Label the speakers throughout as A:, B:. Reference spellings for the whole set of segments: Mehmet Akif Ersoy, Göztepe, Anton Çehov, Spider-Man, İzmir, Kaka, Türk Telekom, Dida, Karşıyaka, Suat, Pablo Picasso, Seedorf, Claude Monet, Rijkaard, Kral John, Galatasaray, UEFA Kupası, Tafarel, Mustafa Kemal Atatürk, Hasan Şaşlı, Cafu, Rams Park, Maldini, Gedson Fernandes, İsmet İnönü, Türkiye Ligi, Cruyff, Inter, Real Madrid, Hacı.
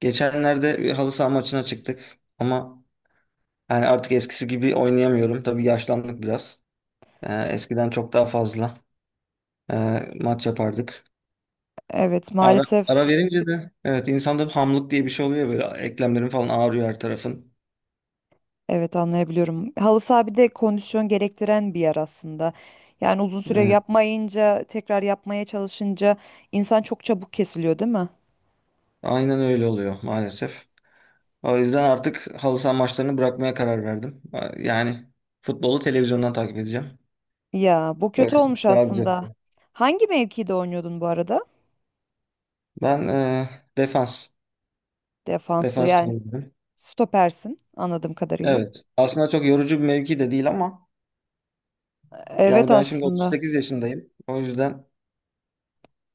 A: Geçenlerde bir halı saha maçına çıktık ama yani artık eskisi gibi oynayamıyorum. Tabii yaşlandık biraz. Eskiden çok daha fazla e, maç yapardık.
B: Evet
A: Ara, ara
B: maalesef
A: verince de evet insanda bir hamlık diye bir şey oluyor böyle eklemlerin falan ağrıyor her tarafın.
B: evet anlayabiliyorum. Halı saha bir de kondisyon gerektiren bir yer aslında. Yani uzun süre
A: Evet,
B: yapmayınca tekrar yapmaya çalışınca insan çok çabuk kesiliyor değil mi?
A: aynen öyle oluyor maalesef. O yüzden artık halı saha maçlarını bırakmaya karar verdim. Yani futbolu televizyondan takip edeceğim.
B: Ya bu
A: Böyle
B: kötü olmuş
A: daha güzel.
B: aslında. Hangi mevkide oynuyordun bu arada?
A: Ben defans,
B: Defansta
A: defans
B: yani
A: oynuyorum.
B: stopersin anladığım kadarıyla.
A: Evet. Aslında çok yorucu bir mevki de değil ama
B: Evet
A: yani ben şimdi
B: aslında.
A: 38 yaşındayım. O yüzden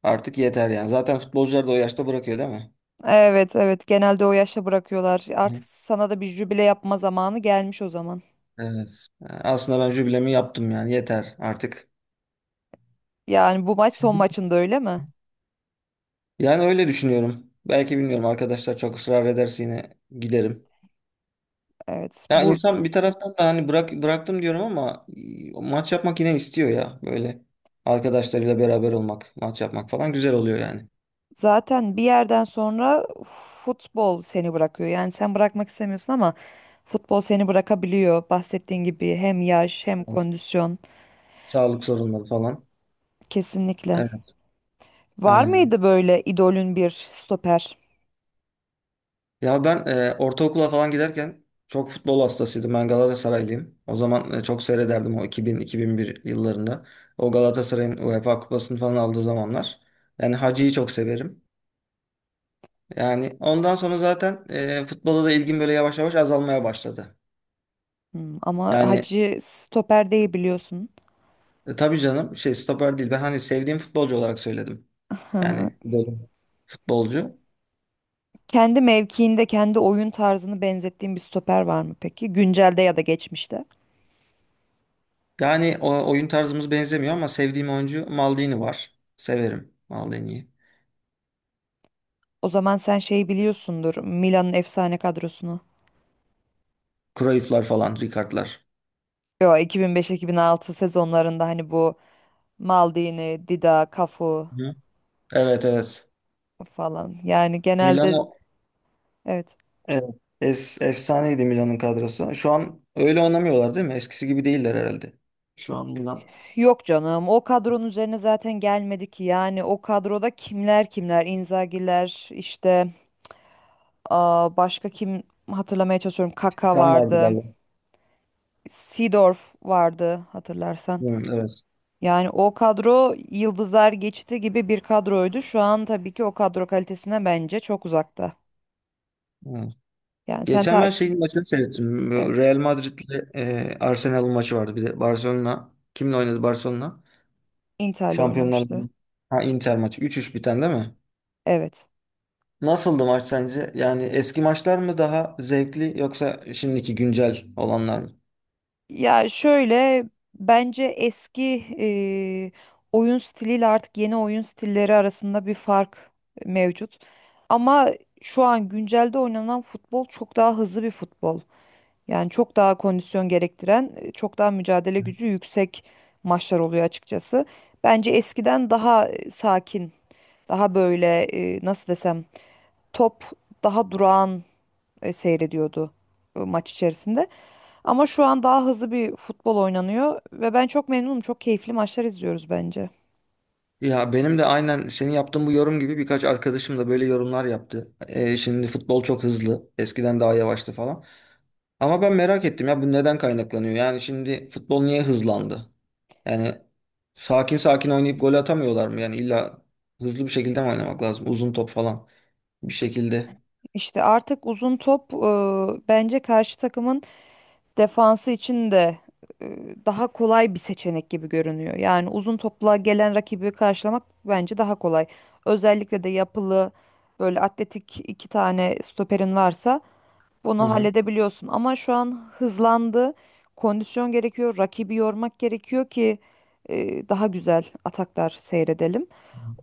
A: artık yeter yani. Zaten futbolcular da o yaşta bırakıyor değil mi?
B: Evet evet genelde o yaşta bırakıyorlar. Artık
A: Hı.
B: sana da bir jübile yapma zamanı gelmiş o zaman.
A: Evet. Aslında ben jübilemi yaptım yani. Yeter artık.
B: Yani bu maç son maçında öyle mi?
A: Yani öyle düşünüyorum. Belki bilmiyorum arkadaşlar çok ısrar ederse yine giderim.
B: Evet.
A: Ya insan bir taraftan da hani bırak bıraktım diyorum ama maç yapmak yine istiyor ya. Böyle arkadaşlarıyla beraber olmak, maç yapmak falan güzel oluyor yani.
B: Zaten bir yerden sonra futbol seni bırakıyor. Yani sen bırakmak istemiyorsun ama futbol seni bırakabiliyor. Bahsettiğin gibi hem yaş hem
A: Evet.
B: kondisyon.
A: Sağlık sorunları falan.
B: Kesinlikle.
A: Evet,
B: Var
A: aynen.
B: mıydı böyle idolün bir stoper?
A: Ya ben ortaokula falan giderken çok futbol hastasıydım. Ben Galatasaraylıyım. O zaman çok seyrederdim o 2000-2001 yıllarında. O Galatasaray'ın UEFA Kupası'nı falan aldığı zamanlar. Yani Hacı'yı çok severim. Yani ondan sonra zaten futbola da ilgim böyle yavaş yavaş azalmaya başladı.
B: Ama
A: Yani
B: Hacı stoper değil biliyorsun.
A: tabii canım şey stoper değil. Ben hani sevdiğim futbolcu olarak söyledim.
B: Hı hı.
A: Yani dedim, futbolcu.
B: Kendi mevkiinde kendi oyun tarzını benzettiğin bir stoper var mı peki? Güncelde ya da geçmişte.
A: Yani oyun tarzımız benzemiyor ama sevdiğim oyuncu Maldini var. Severim Maldini'yi.
B: O zaman sen şeyi biliyorsundur. Milan'ın efsane kadrosunu.
A: Cruyff'lar falan, Rijkaard'lar.
B: Yo, 2005-2006 sezonlarında hani bu Maldini, Dida, Cafu
A: Hı. Evet, evet.
B: falan. Yani genelde
A: Milano,
B: evet.
A: evet. Efsaneydi Milan'ın kadrosu. Şu an öyle oynamıyorlar değil mi? Eskisi gibi değiller herhalde. Şu an Milan.
B: Yok canım. O kadronun üzerine zaten gelmedi ki. Yani o kadroda kimler kimler? Inzaghi'ler işte, başka kim, hatırlamaya çalışıyorum. Kaka
A: Tam vardı
B: vardı.
A: galiba.
B: Seedorf vardı hatırlarsan.
A: Hı, evet.
B: Yani o kadro yıldızlar geçti gibi bir kadroydu. Şu an tabii ki o kadro kalitesine bence çok uzakta.
A: Hı.
B: Yani sen
A: Geçen ben
B: takip
A: şeyin maçını seyrettim. Bu
B: Evet,
A: Real Madrid'le Arsenal'ın maçı vardı. Bir de Barcelona. Kimle oynadı Barcelona?
B: Inter'le
A: Şampiyonlar
B: oynamıştı.
A: Ligi. Ha, Inter maçı. Üç 3 biten değil mi?
B: Evet.
A: Nasıldı maç sence? Yani eski maçlar mı daha zevkli yoksa şimdiki güncel olanlar mı?
B: Ya şöyle, bence eski eee, oyun stiliyle artık yeni oyun stilleri arasında bir fark mevcut. Ama şu an güncelde oynanan futbol çok daha hızlı bir futbol. Yani çok daha kondisyon gerektiren, çok daha mücadele gücü yüksek maçlar oluyor açıkçası. Bence eskiden daha sakin, daha böyle nasıl desem, top daha durağan seyrediyordu maç içerisinde. Ama şu an daha hızlı bir futbol oynanıyor ve ben çok memnunum. Çok keyifli maçlar izliyoruz bence.
A: Ya benim de aynen senin yaptığın bu yorum gibi birkaç arkadaşım da böyle yorumlar yaptı. Şimdi futbol çok hızlı. Eskiden daha yavaştı falan. Ama ben merak ettim ya bu neden kaynaklanıyor? Yani şimdi futbol niye hızlandı? Yani sakin sakin oynayıp gol atamıyorlar mı? Yani illa hızlı bir şekilde mi oynamak lazım? Uzun top falan bir şekilde.
B: İşte artık uzun top bence karşı takımın defansı için de e, daha kolay bir seçenek gibi görünüyor. Yani uzun topla gelen rakibi karşılamak bence daha kolay. Özellikle de yapılı böyle atletik iki tane stoperin varsa
A: Hı
B: bunu
A: hı.
B: halledebiliyorsun. Ama şu an hızlandı. Kondisyon gerekiyor. Rakibi yormak gerekiyor ki daha güzel ataklar seyredelim.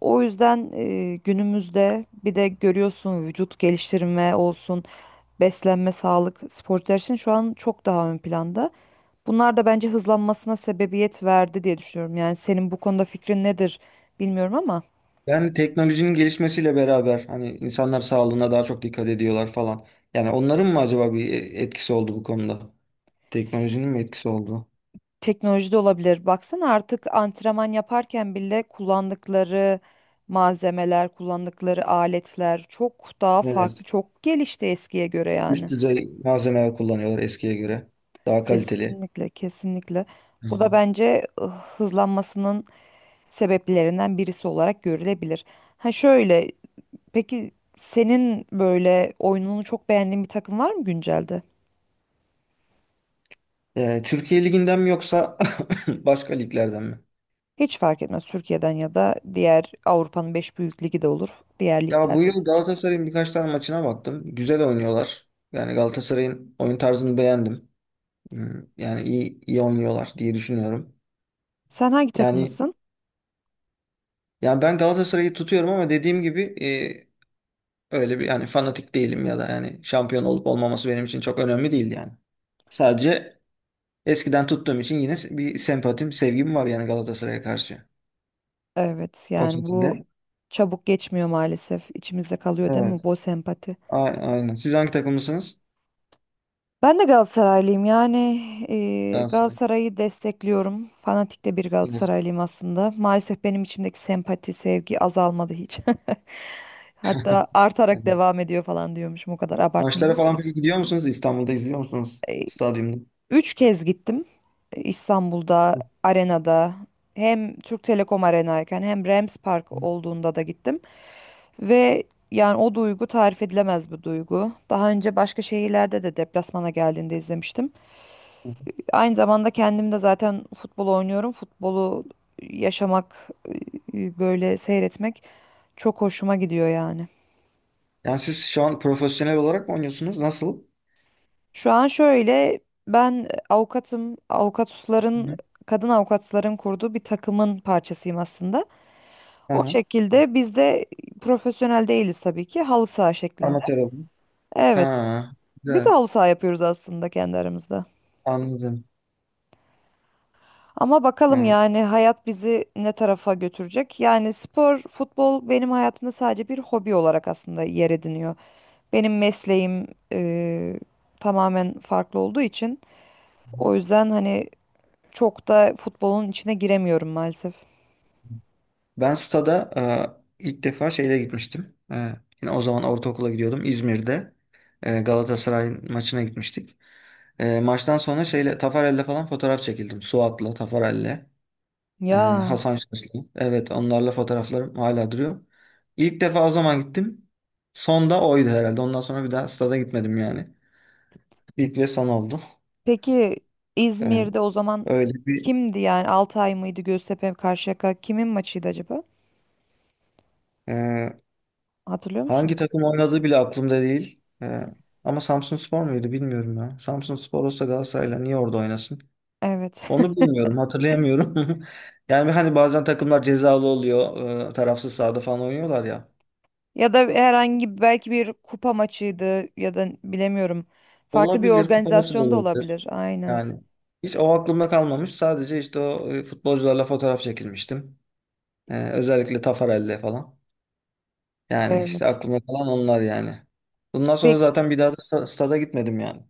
B: O yüzden günümüzde bir de görüyorsun, vücut geliştirme olsun, beslenme, sağlık, sporcular için şu an çok daha ön planda. Bunlar da bence hızlanmasına sebebiyet verdi diye düşünüyorum. Yani senin bu konuda fikrin nedir bilmiyorum ama
A: Yani teknolojinin gelişmesiyle beraber hani insanlar sağlığına daha çok dikkat ediyorlar falan. Yani onların mı acaba bir etkisi oldu bu konuda? Teknolojinin mi etkisi oldu?
B: teknoloji de olabilir. Baksana artık antrenman yaparken bile kullandıkları malzemeler, kullandıkları aletler çok daha farklı,
A: Evet.
B: çok gelişti eskiye göre yani.
A: Üst düzey malzemeler kullanıyorlar eskiye göre. Daha kaliteli.
B: Kesinlikle, kesinlikle.
A: Hı.
B: Bu da bence hızlanmasının sebeplerinden birisi olarak görülebilir. Ha şöyle, peki senin böyle oyununu çok beğendiğin bir takım var mı güncelde?
A: Türkiye Ligi'nden mi yoksa başka liglerden mi?
B: Hiç fark etmez. Türkiye'den ya da diğer Avrupa'nın 5 büyük ligi de olur. Diğer
A: Ya
B: ligler
A: bu
B: de olur.
A: yıl Galatasaray'ın birkaç tane maçına baktım. Güzel oynuyorlar. Yani Galatasaray'ın oyun tarzını beğendim. Yani iyi iyi oynuyorlar diye düşünüyorum.
B: Sen hangi
A: Yani
B: takımlısın?
A: yani ben Galatasaray'ı tutuyorum ama dediğim gibi öyle bir yani fanatik değilim ya da yani şampiyon olup olmaması benim için çok önemli değil yani. Sadece eskiden tuttuğum için yine bir sempatim, sevgim var yani Galatasaray'a karşı.
B: Evet
A: O
B: yani bu
A: şekilde.
B: çabuk geçmiyor maalesef. İçimizde kalıyor değil mi
A: Evet.
B: bu sempati?
A: A- aynen. Siz hangi takımlısınız?
B: Ben de Galatasaraylıyım yani
A: Galatasaray.
B: Galatasaray'ı destekliyorum. Fanatik de bir
A: Evet.
B: Galatasaraylıyım aslında. Maalesef benim içimdeki sempati, sevgi azalmadı hiç. Hatta artarak
A: Evet.
B: devam ediyor falan diyormuşum, o kadar abartmayayım
A: Maçlara falan
B: ama.
A: peki gidiyor musunuz? İstanbul'da izliyor musunuz stadyumda?
B: Üç kez gittim, İstanbul'da,
A: Hı
B: arenada, hem Türk Telekom arenayken hem Rams
A: hı,
B: Park olduğunda da gittim. Ve yani o duygu tarif edilemez bir duygu. Daha önce başka şehirlerde de deplasmana geldiğinde izlemiştim.
A: hı.
B: Aynı zamanda kendim de zaten futbol oynuyorum. Futbolu yaşamak, böyle seyretmek çok hoşuma gidiyor yani.
A: Yani siz şu an profesyonel olarak mı oynuyorsunuz? Nasıl?
B: Şu an şöyle, ben avukatım,
A: Hı hı.
B: kadın avukatların kurduğu bir takımın parçasıyım aslında. O
A: Aha.
B: şekilde biz de profesyonel değiliz tabii ki, halı saha şeklinde.
A: Amatör olarak.
B: Evet,
A: Ha.
B: biz de
A: Güzel.
B: halı saha yapıyoruz aslında kendi aramızda.
A: Anladım.
B: Ama bakalım
A: Ha.
B: yani hayat bizi ne tarafa götürecek. Yani spor, futbol benim hayatımda sadece bir hobi olarak aslında yer ediniyor. Benim mesleğim eee, tamamen farklı olduğu için
A: Hı hı.
B: o yüzden hani çok da futbolun içine giremiyorum maalesef.
A: Ben stada ilk defa şeyle gitmiştim. Yine o zaman ortaokula gidiyordum. İzmir'de Galatasaray maçına gitmiştik. Maçtan sonra şeyle Tafarel'le falan fotoğraf çekildim. Suat'la, Tafarel'le.
B: Ya
A: Hasan Şaşlı. Evet, onlarla fotoğraflarım hala duruyor. İlk defa o zaman gittim. Son da oydu herhalde. Ondan sonra bir daha stada gitmedim yani. İlk ve son oldu.
B: peki,
A: Ee,
B: İzmir'de o zaman
A: öyle bir
B: kimdi yani, Altay mıydı, Göztepe, Karşıyaka, kimin maçıydı acaba?
A: e,
B: Hatırlıyor musun?
A: hangi takım oynadığı bile aklımda değil. Ama Samsunspor muydu bilmiyorum ya. Samsunspor olsa Galatasaray'la niye orada oynasın?
B: Evet.
A: Onu bilmiyorum, hatırlayamıyorum. Yani hani bazen takımlar cezalı oluyor, tarafsız sahada falan oynuyorlar ya.
B: Ya da belki bir kupa maçıydı ya da bilemiyorum. Farklı bir
A: Olabilir, kupa maçı da
B: organizasyonda
A: olabilir.
B: olabilir. Aynen.
A: Yani hiç o aklımda kalmamış. Sadece işte o futbolcularla fotoğraf çekilmiştim. Özellikle Tafarel'le falan. Yani işte
B: Evet.
A: aklımda kalan onlar yani. Bundan sonra
B: Pek
A: zaten bir daha da stada gitmedim yani.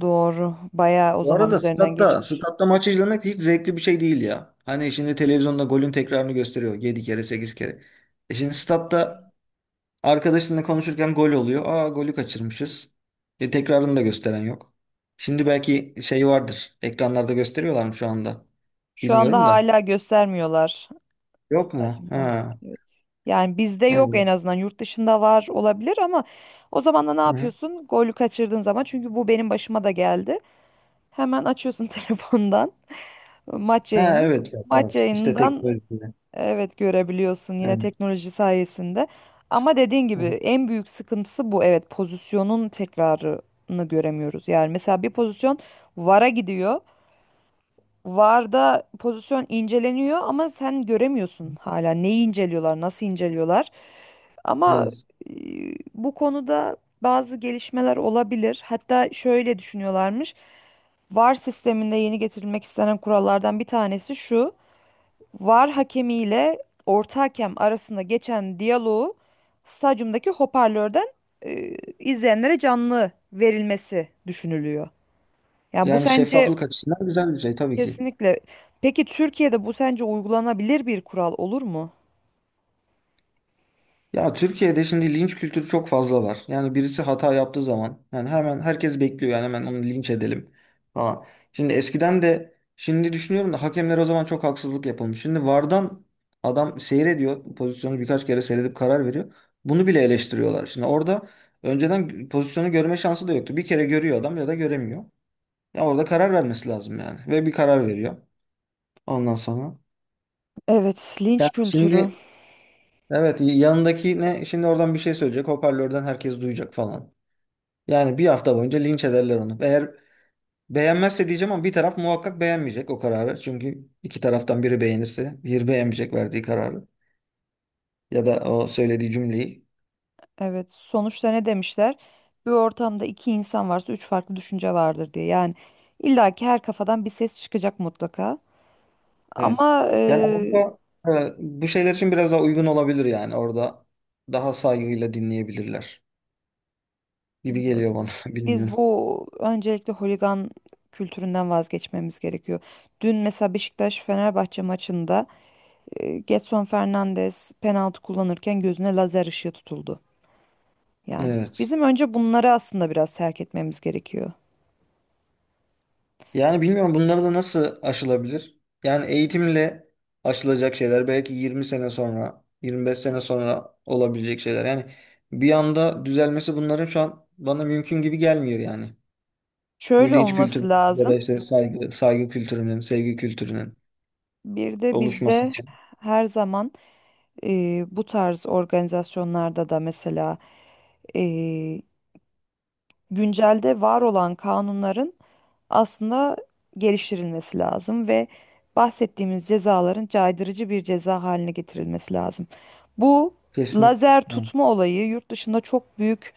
B: doğru. Bayağı o
A: Bu
B: zaman
A: arada
B: üzerinden
A: statta,
B: geçmiş.
A: statta maçı izlemek hiç zevkli bir şey değil ya. Hani şimdi televizyonda golün tekrarını gösteriyor 7 kere 8 kere. Şimdi statta arkadaşınla konuşurken gol oluyor. Aa, golü kaçırmışız. Tekrarını da gösteren yok. Şimdi belki şey vardır. Ekranlarda gösteriyorlar mı şu anda?
B: Şu anda
A: Bilmiyorum da.
B: hala göstermiyorlar
A: Yok mu?
B: stadyumda.
A: Ha.
B: Evet. Yani bizde yok
A: Evet.
B: en azından. Yurt dışında var olabilir ama o zaman da ne
A: Hı-hı.
B: yapıyorsun? Golü kaçırdığın zaman, çünkü bu benim başıma da geldi. Hemen açıyorsun telefondan maç
A: Ha,
B: yayını.
A: evet. Yok,
B: Maç
A: evet. İşte tek
B: yayınından,
A: böyle bir şey.
B: evet, görebiliyorsun yine
A: Evet.
B: teknoloji sayesinde. Ama dediğin gibi
A: Hı-hı.
B: en büyük sıkıntısı bu. Evet, pozisyonun tekrarını göremiyoruz. Yani mesela bir pozisyon VAR'a gidiyor. VAR'da pozisyon inceleniyor ama sen göremiyorsun hala neyi inceliyorlar, nasıl inceliyorlar. Ama
A: Evet.
B: e, bu konuda bazı gelişmeler olabilir. Hatta şöyle düşünüyorlarmış. VAR sisteminde yeni getirilmek istenen kurallardan bir tanesi şu. VAR hakemiyle orta hakem arasında geçen diyaloğu stadyumdaki hoparlörden izleyenlere canlı verilmesi düşünülüyor. Yani bu
A: Yani
B: sence?
A: şeffaflık açısından güzel bir şey tabii ki.
B: Kesinlikle. Peki Türkiye'de bu sence uygulanabilir bir kural olur mu?
A: Ya Türkiye'de şimdi linç kültürü çok fazla var. Yani birisi hata yaptığı zaman yani hemen herkes bekliyor yani hemen onu linç edelim falan. Şimdi eskiden de şimdi düşünüyorum da hakemler o zaman çok haksızlık yapılmış. Şimdi VAR'dan adam seyrediyor pozisyonu birkaç kere seyredip karar veriyor. Bunu bile eleştiriyorlar. Şimdi orada önceden pozisyonu görme şansı da yoktu. Bir kere görüyor adam ya da göremiyor. Ya orada karar vermesi lazım yani ve bir karar veriyor ondan sonra.
B: Evet, linç
A: Ya
B: kültürü.
A: şimdi, evet, yanındaki ne şimdi oradan bir şey söyleyecek, hoparlörden herkes duyacak falan. Yani bir hafta boyunca linç ederler onu. Eğer beğenmezse diyeceğim ama bir taraf muhakkak beğenmeyecek o kararı. Çünkü iki taraftan biri beğenirse diğeri beğenmeyecek verdiği kararı ya da o söylediği cümleyi.
B: Evet, sonuçta ne demişler? Bir ortamda iki insan varsa üç farklı düşünce vardır diye. Yani illaki her kafadan bir ses çıkacak mutlaka.
A: Evet.
B: Ama
A: Yani Avrupa bu şeyler için biraz daha uygun olabilir yani orada daha saygıyla dinleyebilirler gibi
B: bilmiyorum.
A: geliyor bana
B: Biz
A: bilmiyorum.
B: bu öncelikle holigan kültüründen vazgeçmemiz gerekiyor. Dün mesela Beşiktaş-Fenerbahçe maçında Gedson Fernandes penaltı kullanırken gözüne lazer ışığı tutuldu. Yani
A: Evet.
B: bizim önce bunları aslında biraz terk etmemiz gerekiyor.
A: Yani bilmiyorum bunları da nasıl aşılabilir? Yani eğitimle aşılacak şeyler belki 20 sene sonra, 25 sene sonra olabilecek şeyler. Yani bir anda düzelmesi bunların şu an bana mümkün gibi gelmiyor yani. Bu
B: Şöyle
A: linç kültürü
B: olması
A: ya da
B: lazım.
A: işte saygı kültürünün, sevgi kültürünün
B: Bir de
A: oluşması
B: bizde
A: için.
B: her zaman bu tarz organizasyonlarda da mesela e, güncelde var olan kanunların aslında geliştirilmesi lazım ve bahsettiğimiz cezaların caydırıcı bir ceza haline getirilmesi lazım. Bu
A: Kesinlikle.
B: lazer tutma olayı yurt dışında çok büyük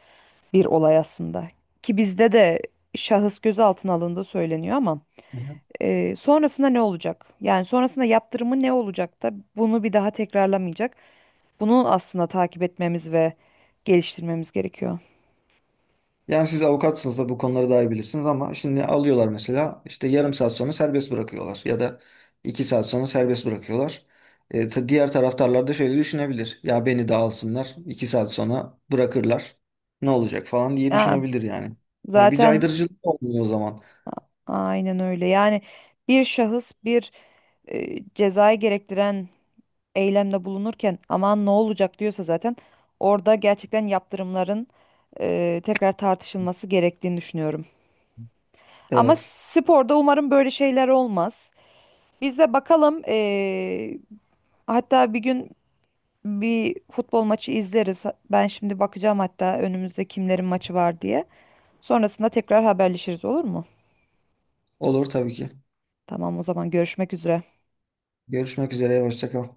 B: bir olay aslında. Ki bizde de şahıs gözaltına alındığı söyleniyor ama
A: Evet.
B: sonrasında ne olacak? Yani sonrasında yaptırımı ne olacak da bunu bir daha tekrarlamayacak. Bunu aslında takip etmemiz ve geliştirmemiz gerekiyor.
A: Yani siz avukatsınız da bu konuları daha iyi bilirsiniz ama şimdi alıyorlar mesela işte yarım saat sonra serbest bırakıyorlar ya da iki saat sonra serbest bırakıyorlar. Diğer taraftarlar da şöyle düşünebilir. Ya beni de alsınlar iki saat sonra bırakırlar ne olacak falan diye
B: Ya,
A: düşünebilir yani. Yani bir
B: zaten
A: caydırıcılık olmuyor o zaman.
B: Aynen öyle. Yani bir şahıs bir cezayı gerektiren eylemde bulunurken aman ne olacak diyorsa zaten orada gerçekten yaptırımların tekrar tartışılması gerektiğini düşünüyorum. Ama
A: Evet,
B: sporda umarım böyle şeyler olmaz. Biz de bakalım, hatta bir gün bir futbol maçı izleriz. Ben şimdi bakacağım hatta önümüzde kimlerin maçı var diye. Sonrasında tekrar haberleşiriz, olur mu?
A: olur tabii ki.
B: Tamam, o zaman görüşmek üzere.
A: Görüşmek üzere, hoşça kal.